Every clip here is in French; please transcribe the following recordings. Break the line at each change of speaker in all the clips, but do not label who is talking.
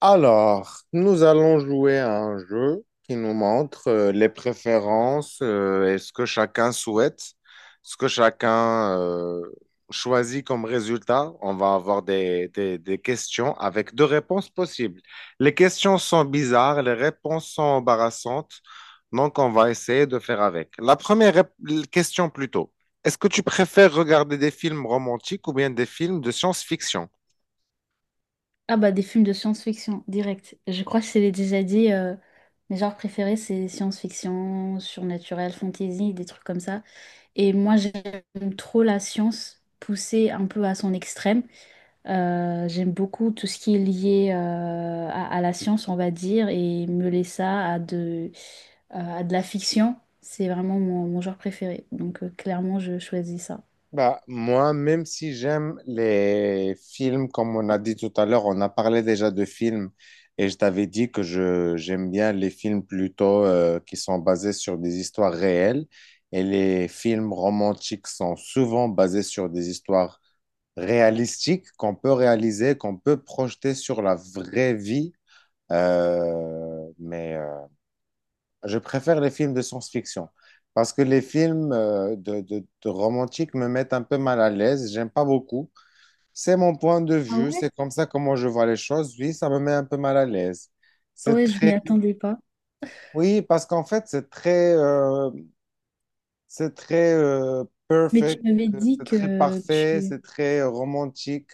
Alors, nous allons jouer à un jeu qui nous montre les préférences et ce que chacun souhaite, ce que chacun choisit comme résultat. On va avoir des questions avec deux réponses possibles. Les questions sont bizarres, les réponses sont embarrassantes, donc on va essayer de faire avec. La première question plutôt, est-ce que tu préfères regarder des films romantiques ou bien des films de science-fiction?
Ah bah des films de science-fiction, direct. Je crois que je te l'ai déjà dit, mes genres préférés c'est science-fiction, surnaturel, fantasy, des trucs comme ça. Et moi j'aime trop la science poussée un peu à son extrême. J'aime beaucoup tout ce qui est lié à la science, on va dire, et mêler ça à de la fiction. C'est vraiment mon genre préféré. Donc clairement je choisis ça.
Bah, moi, même si j'aime les films, comme on a dit tout à l'heure, on a parlé déjà de films et je t'avais dit que j'aime bien les films plutôt qui sont basés sur des histoires réelles et les films romantiques sont souvent basés sur des histoires réalistiques qu'on peut réaliser, qu'on peut projeter sur la vraie vie. Euh, mais euh, je préfère les films de science-fiction parce que les films de romantique me mettent un peu mal à l'aise. J'aime pas beaucoup. C'est mon point de
Ah
vue.
ouais?
C'est comme ça comment je vois les choses. Oui, ça me met un peu mal à l'aise. C'est
Ouais, je m'y
très.
attendais pas.
Oui, parce qu'en fait, c'est très. C'est très
Mais tu
perfect.
m'avais dit
C'est très
que
parfait.
tu...
C'est très romantique.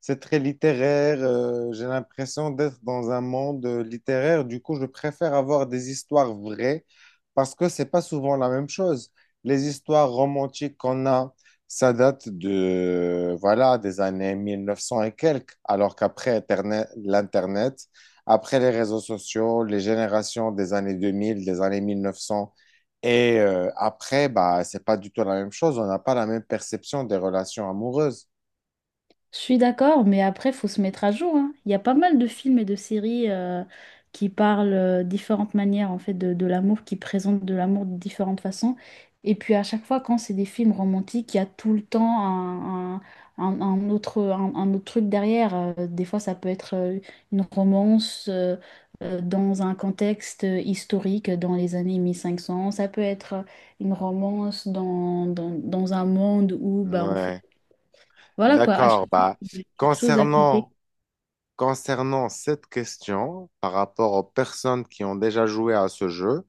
C'est très littéraire. J'ai l'impression d'être dans un monde littéraire. Du coup, je préfère avoir des histoires vraies parce que c'est pas souvent la même chose. Les histoires romantiques qu'on a, ça date de, voilà, des années 1900 et quelques, alors qu'après l'Internet, après les réseaux sociaux, les générations des années 2000 des années 1900 et après, bah, c'est pas du tout la même chose. On n'a pas la même perception des relations amoureuses.
Je suis d'accord, mais après, faut se mettre à jour, hein. Il y a pas mal de films et de séries qui parlent différentes manières en fait de l'amour, qui présentent de l'amour de différentes façons. Et puis à chaque fois, quand c'est des films romantiques, il y a tout le temps un autre truc derrière. Des fois, ça peut être une romance dans un contexte historique dans les années 1500. Ça peut être une romance dans un monde où bah, en fait,
Ouais.
voilà quoi, à chaque
D'accord.
fois
Bah,
il y a quelque chose à côté,
concernant, concernant cette question par rapport aux personnes qui ont déjà joué à ce jeu,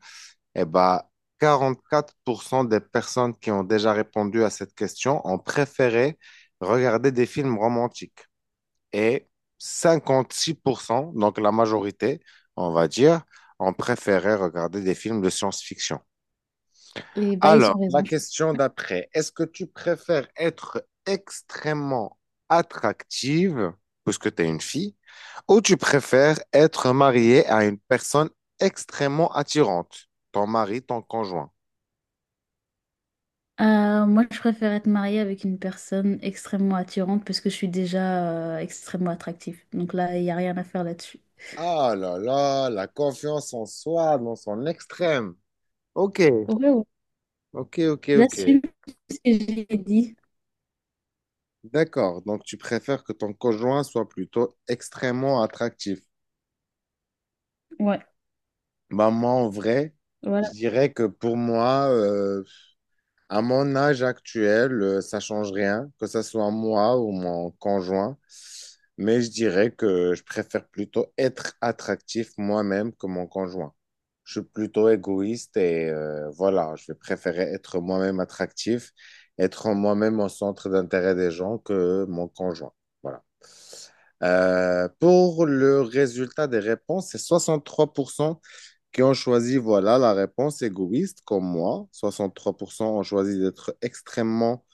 eh bah, 44% des personnes qui ont déjà répondu à cette question ont préféré regarder des films romantiques. Et 56%, donc la majorité, on va dire, ont préféré regarder des films de science-fiction.
et bah ils ont
Alors, la
raison.
question d'après, est-ce que tu préfères être extrêmement attractive, puisque tu es une fille, ou tu préfères être mariée à une personne extrêmement attirante, ton mari, ton conjoint?
Moi, je préfère être mariée avec une personne extrêmement attirante parce que je suis déjà extrêmement attractive. Donc là, il n'y a rien à faire là-dessus.
Ah là là, la confiance en soi dans son extrême. Ok,
Ouais, ouais.
ok, ok, ok.
J'assume ce que j'ai dit.
D'accord, donc tu préfères que ton conjoint soit plutôt extrêmement attractif.
Ouais,
Bah moi, en vrai,
voilà.
je dirais que pour moi, à mon âge actuel, ça change rien, que ce soit moi ou mon conjoint. Mais je dirais que je préfère plutôt être attractif moi-même que mon conjoint. Je suis plutôt égoïste et voilà, je vais préférer être moi-même attractif, être moi-même au centre d'intérêt des gens que mon conjoint. Voilà. Pour le résultat des réponses, c'est 63% qui ont choisi, voilà, la réponse égoïste, comme moi. 63% ont choisi d'être extrêmement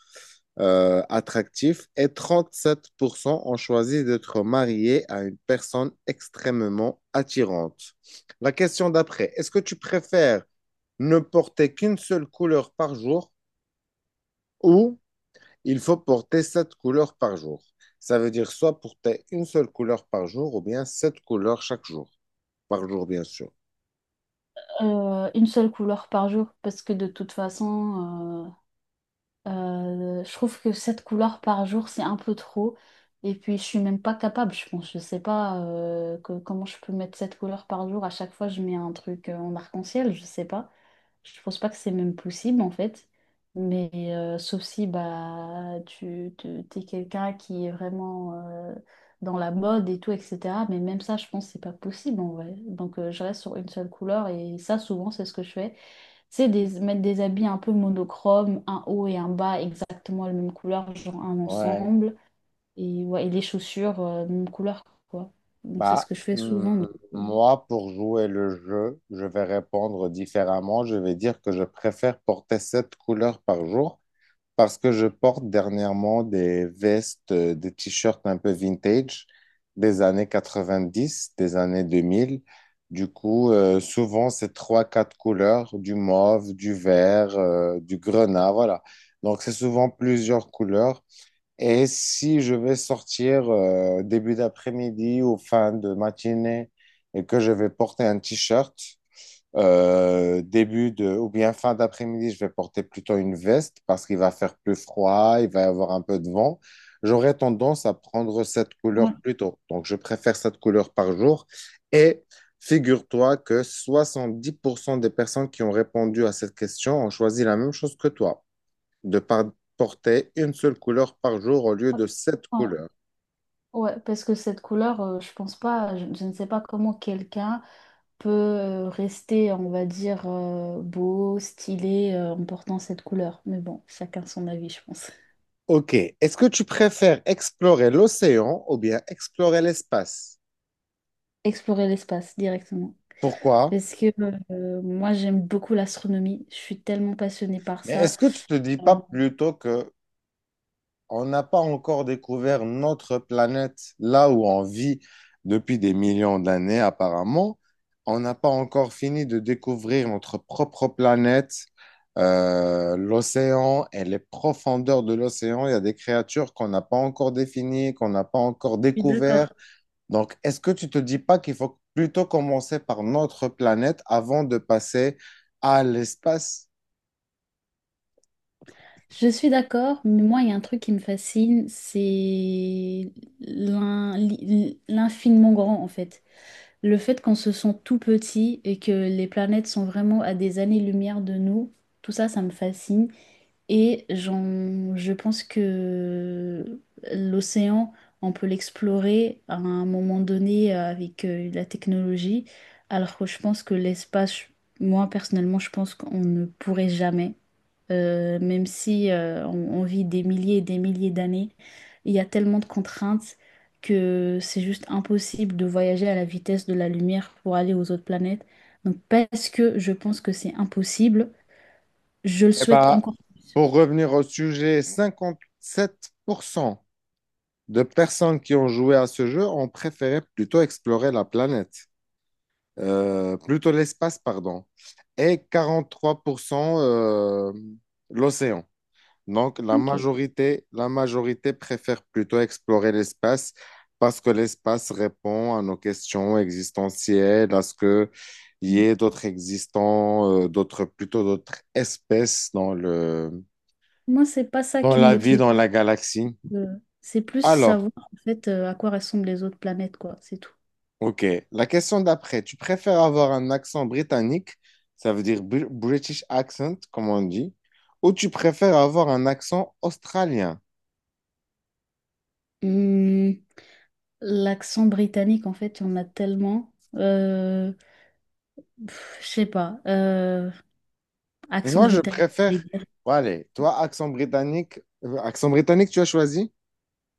attractifs et 37% ont choisi d'être mariés à une personne extrêmement attirante. La question d'après, est-ce que tu préfères ne porter qu'une seule couleur par jour ou il faut porter sept couleurs par jour? Ça veut dire soit porter une seule couleur par jour ou bien sept couleurs chaque jour, par jour, bien sûr.
Une seule couleur par jour parce que de toute façon, je trouve que 7 couleurs par jour, c'est un peu trop. Et puis, je suis même pas capable, je pense. Je sais pas comment je peux mettre 7 couleurs par jour. À chaque fois, je mets un truc en arc-en-ciel, je sais pas. Je pense pas que c'est même possible, en fait. Mais sauf si bah, t'es quelqu'un qui est vraiment dans la mode et tout, etc. Mais même ça, je pense que c'est pas possible, en vrai. Donc, je reste sur une seule couleur. Et ça, souvent, c'est ce que je fais, mettre des habits un peu monochromes, un haut et un bas exactement la même couleur, genre un
Ouais.
ensemble, et, ouais, et les chaussures, même couleur, quoi. Donc c'est ce
Bah,
que je fais
hmm,
souvent. Euh,
moi, pour jouer le jeu, je vais répondre différemment. Je vais dire que je préfère porter sept couleurs par jour parce que je porte dernièrement des vestes, des t-shirts un peu vintage des années 90 des années deux mille. Du coup, souvent, c'est trois, quatre couleurs, du mauve, du vert, du grenat, voilà. Donc, c'est souvent plusieurs couleurs. Et si je vais sortir début d'après-midi ou fin de matinée et que je vais porter un t-shirt, ou bien fin d'après-midi, je vais porter plutôt une veste parce qu'il va faire plus froid, il va y avoir un peu de vent. J'aurais tendance à prendre cette couleur
Ouais.
plus tôt. Donc, je préfère cette couleur par jour. Et figure-toi que 70% des personnes qui ont répondu à cette question ont choisi la même chose que toi de par- porter une seule couleur par jour au lieu de sept
Ouais,
couleurs.
ouais, parce que cette couleur, je pense pas, je ne sais pas comment quelqu'un peut rester, on va dire, beau, stylé, en portant cette couleur. Mais bon, chacun son avis, je pense.
Ok, est-ce que tu préfères explorer l'océan ou bien explorer l'espace?
Explorer l'espace directement.
Pourquoi?
Parce que moi, j'aime beaucoup l'astronomie. Je suis tellement passionnée par
Mais
ça.
est-ce que tu te dis
Euh,
pas plutôt que on n'a pas encore découvert notre planète, là où on vit depuis des millions d'années apparemment. On n'a pas encore fini de découvrir notre propre planète, l'océan et les profondeurs de l'océan. Il y a des créatures qu'on n'a pas encore définies, qu'on n'a pas encore
je suis
découvertes.
d'accord.
Donc, est-ce que tu te dis pas qu'il faut plutôt commencer par notre planète avant de passer à l'espace?
Je suis d'accord, mais moi, il y a un truc qui me fascine, c'est l'infiniment grand, en fait. Le fait qu'on se sent tout petit et que les planètes sont vraiment à des années-lumière de nous, tout ça, ça me fascine. Et je pense que l'océan, on peut l'explorer à un moment donné avec la technologie, alors que je pense que l'espace, moi personnellement, je pense qu'on ne pourrait jamais, même si on vit des milliers et des milliers d'années, il y a tellement de contraintes que c'est juste impossible de voyager à la vitesse de la lumière pour aller aux autres planètes. Donc parce que je pense que c'est impossible, je le
Eh
souhaite
ben,
encore plus.
pour revenir au sujet, 57% de personnes qui ont joué à ce jeu ont préféré plutôt explorer la planète, plutôt l'espace, pardon, et 43% l'océan. Donc
Ok.
la majorité préfère plutôt explorer l'espace parce que l'espace répond à nos questions existentielles, à ce que il y ait d'autres existants, plutôt d'autres espèces dans le,
Moi, c'est pas ça
dans
qui me
la vie,
motive.
dans la galaxie.
euh, c'est plus
Alors,
savoir en fait à quoi ressemblent les autres planètes, quoi. C'est tout.
ok. La question d'après, tu préfères avoir un accent britannique, ça veut dire British accent, comme on dit, ou tu préfères avoir un accent australien?
Hum, l'accent britannique, en fait, il y en a tellement. Pff, je sais pas. Accent
Moi, je
britannique, je
préfère.
voulais dire.
Bon, allez, toi, accent britannique, tu as choisi?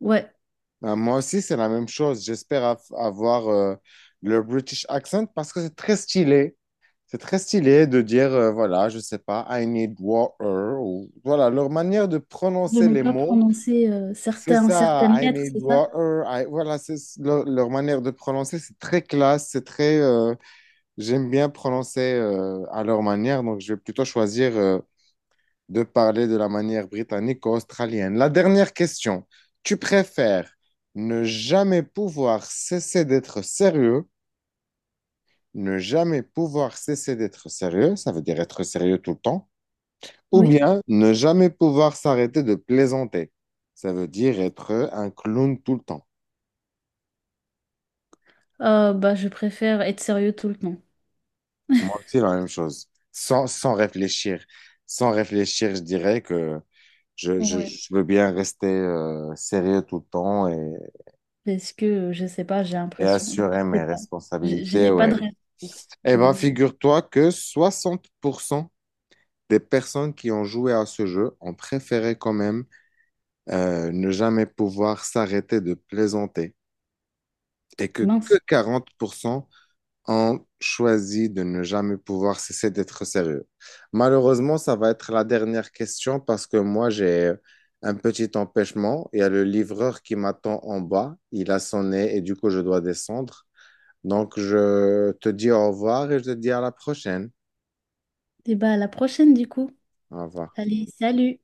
Ouais.
Ben, moi aussi, c'est la même chose. J'espère avoir le British accent parce que c'est très stylé. C'est très stylé de dire, voilà, je sais pas, I need water, ou voilà, leur manière de
De
prononcer
ne
les
pas
mots.
prononcer
C'est ça,
certaines
I
lettres,
need
c'est ça?
water. I- Voilà, c'est leur manière de prononcer, c'est très classe, c'est très. J'aime bien prononcer à leur manière, donc je vais plutôt choisir de parler de la manière britannique ou australienne. La dernière question, tu préfères ne jamais pouvoir cesser d'être sérieux, ne jamais pouvoir cesser d'être sérieux, ça veut dire être sérieux tout le temps, ou
Oui.
bien ne jamais pouvoir s'arrêter de plaisanter, ça veut dire être un clown tout le temps.
Bah, je préfère être sérieux tout le temps.
Moi aussi, la même chose. Sans, sans réfléchir. Sans réfléchir, je dirais que
Ouais.
je veux bien rester sérieux tout le temps
Parce que, je sais pas, j'ai
et
l'impression. Enfin,
assurer
je
mes
sais pas. Je
responsabilités,
n'ai pas de
ouais.
réponse.
Eh
Je
ben,
n'ai-
figure-toi que 60% des personnes qui ont joué à ce jeu ont préféré quand même ne jamais pouvoir s'arrêter de plaisanter que
Mince.
40% ont choisi de ne jamais pouvoir cesser d'être sérieux. Malheureusement, ça va être la dernière question parce que moi, j'ai un petit empêchement. Il y a le livreur qui m'attend en bas. Il a sonné et du coup, je dois descendre. Donc, je te dis au revoir et je te dis à la prochaine.
Et bah, à la prochaine, du coup.
Au revoir.
Allez, salut!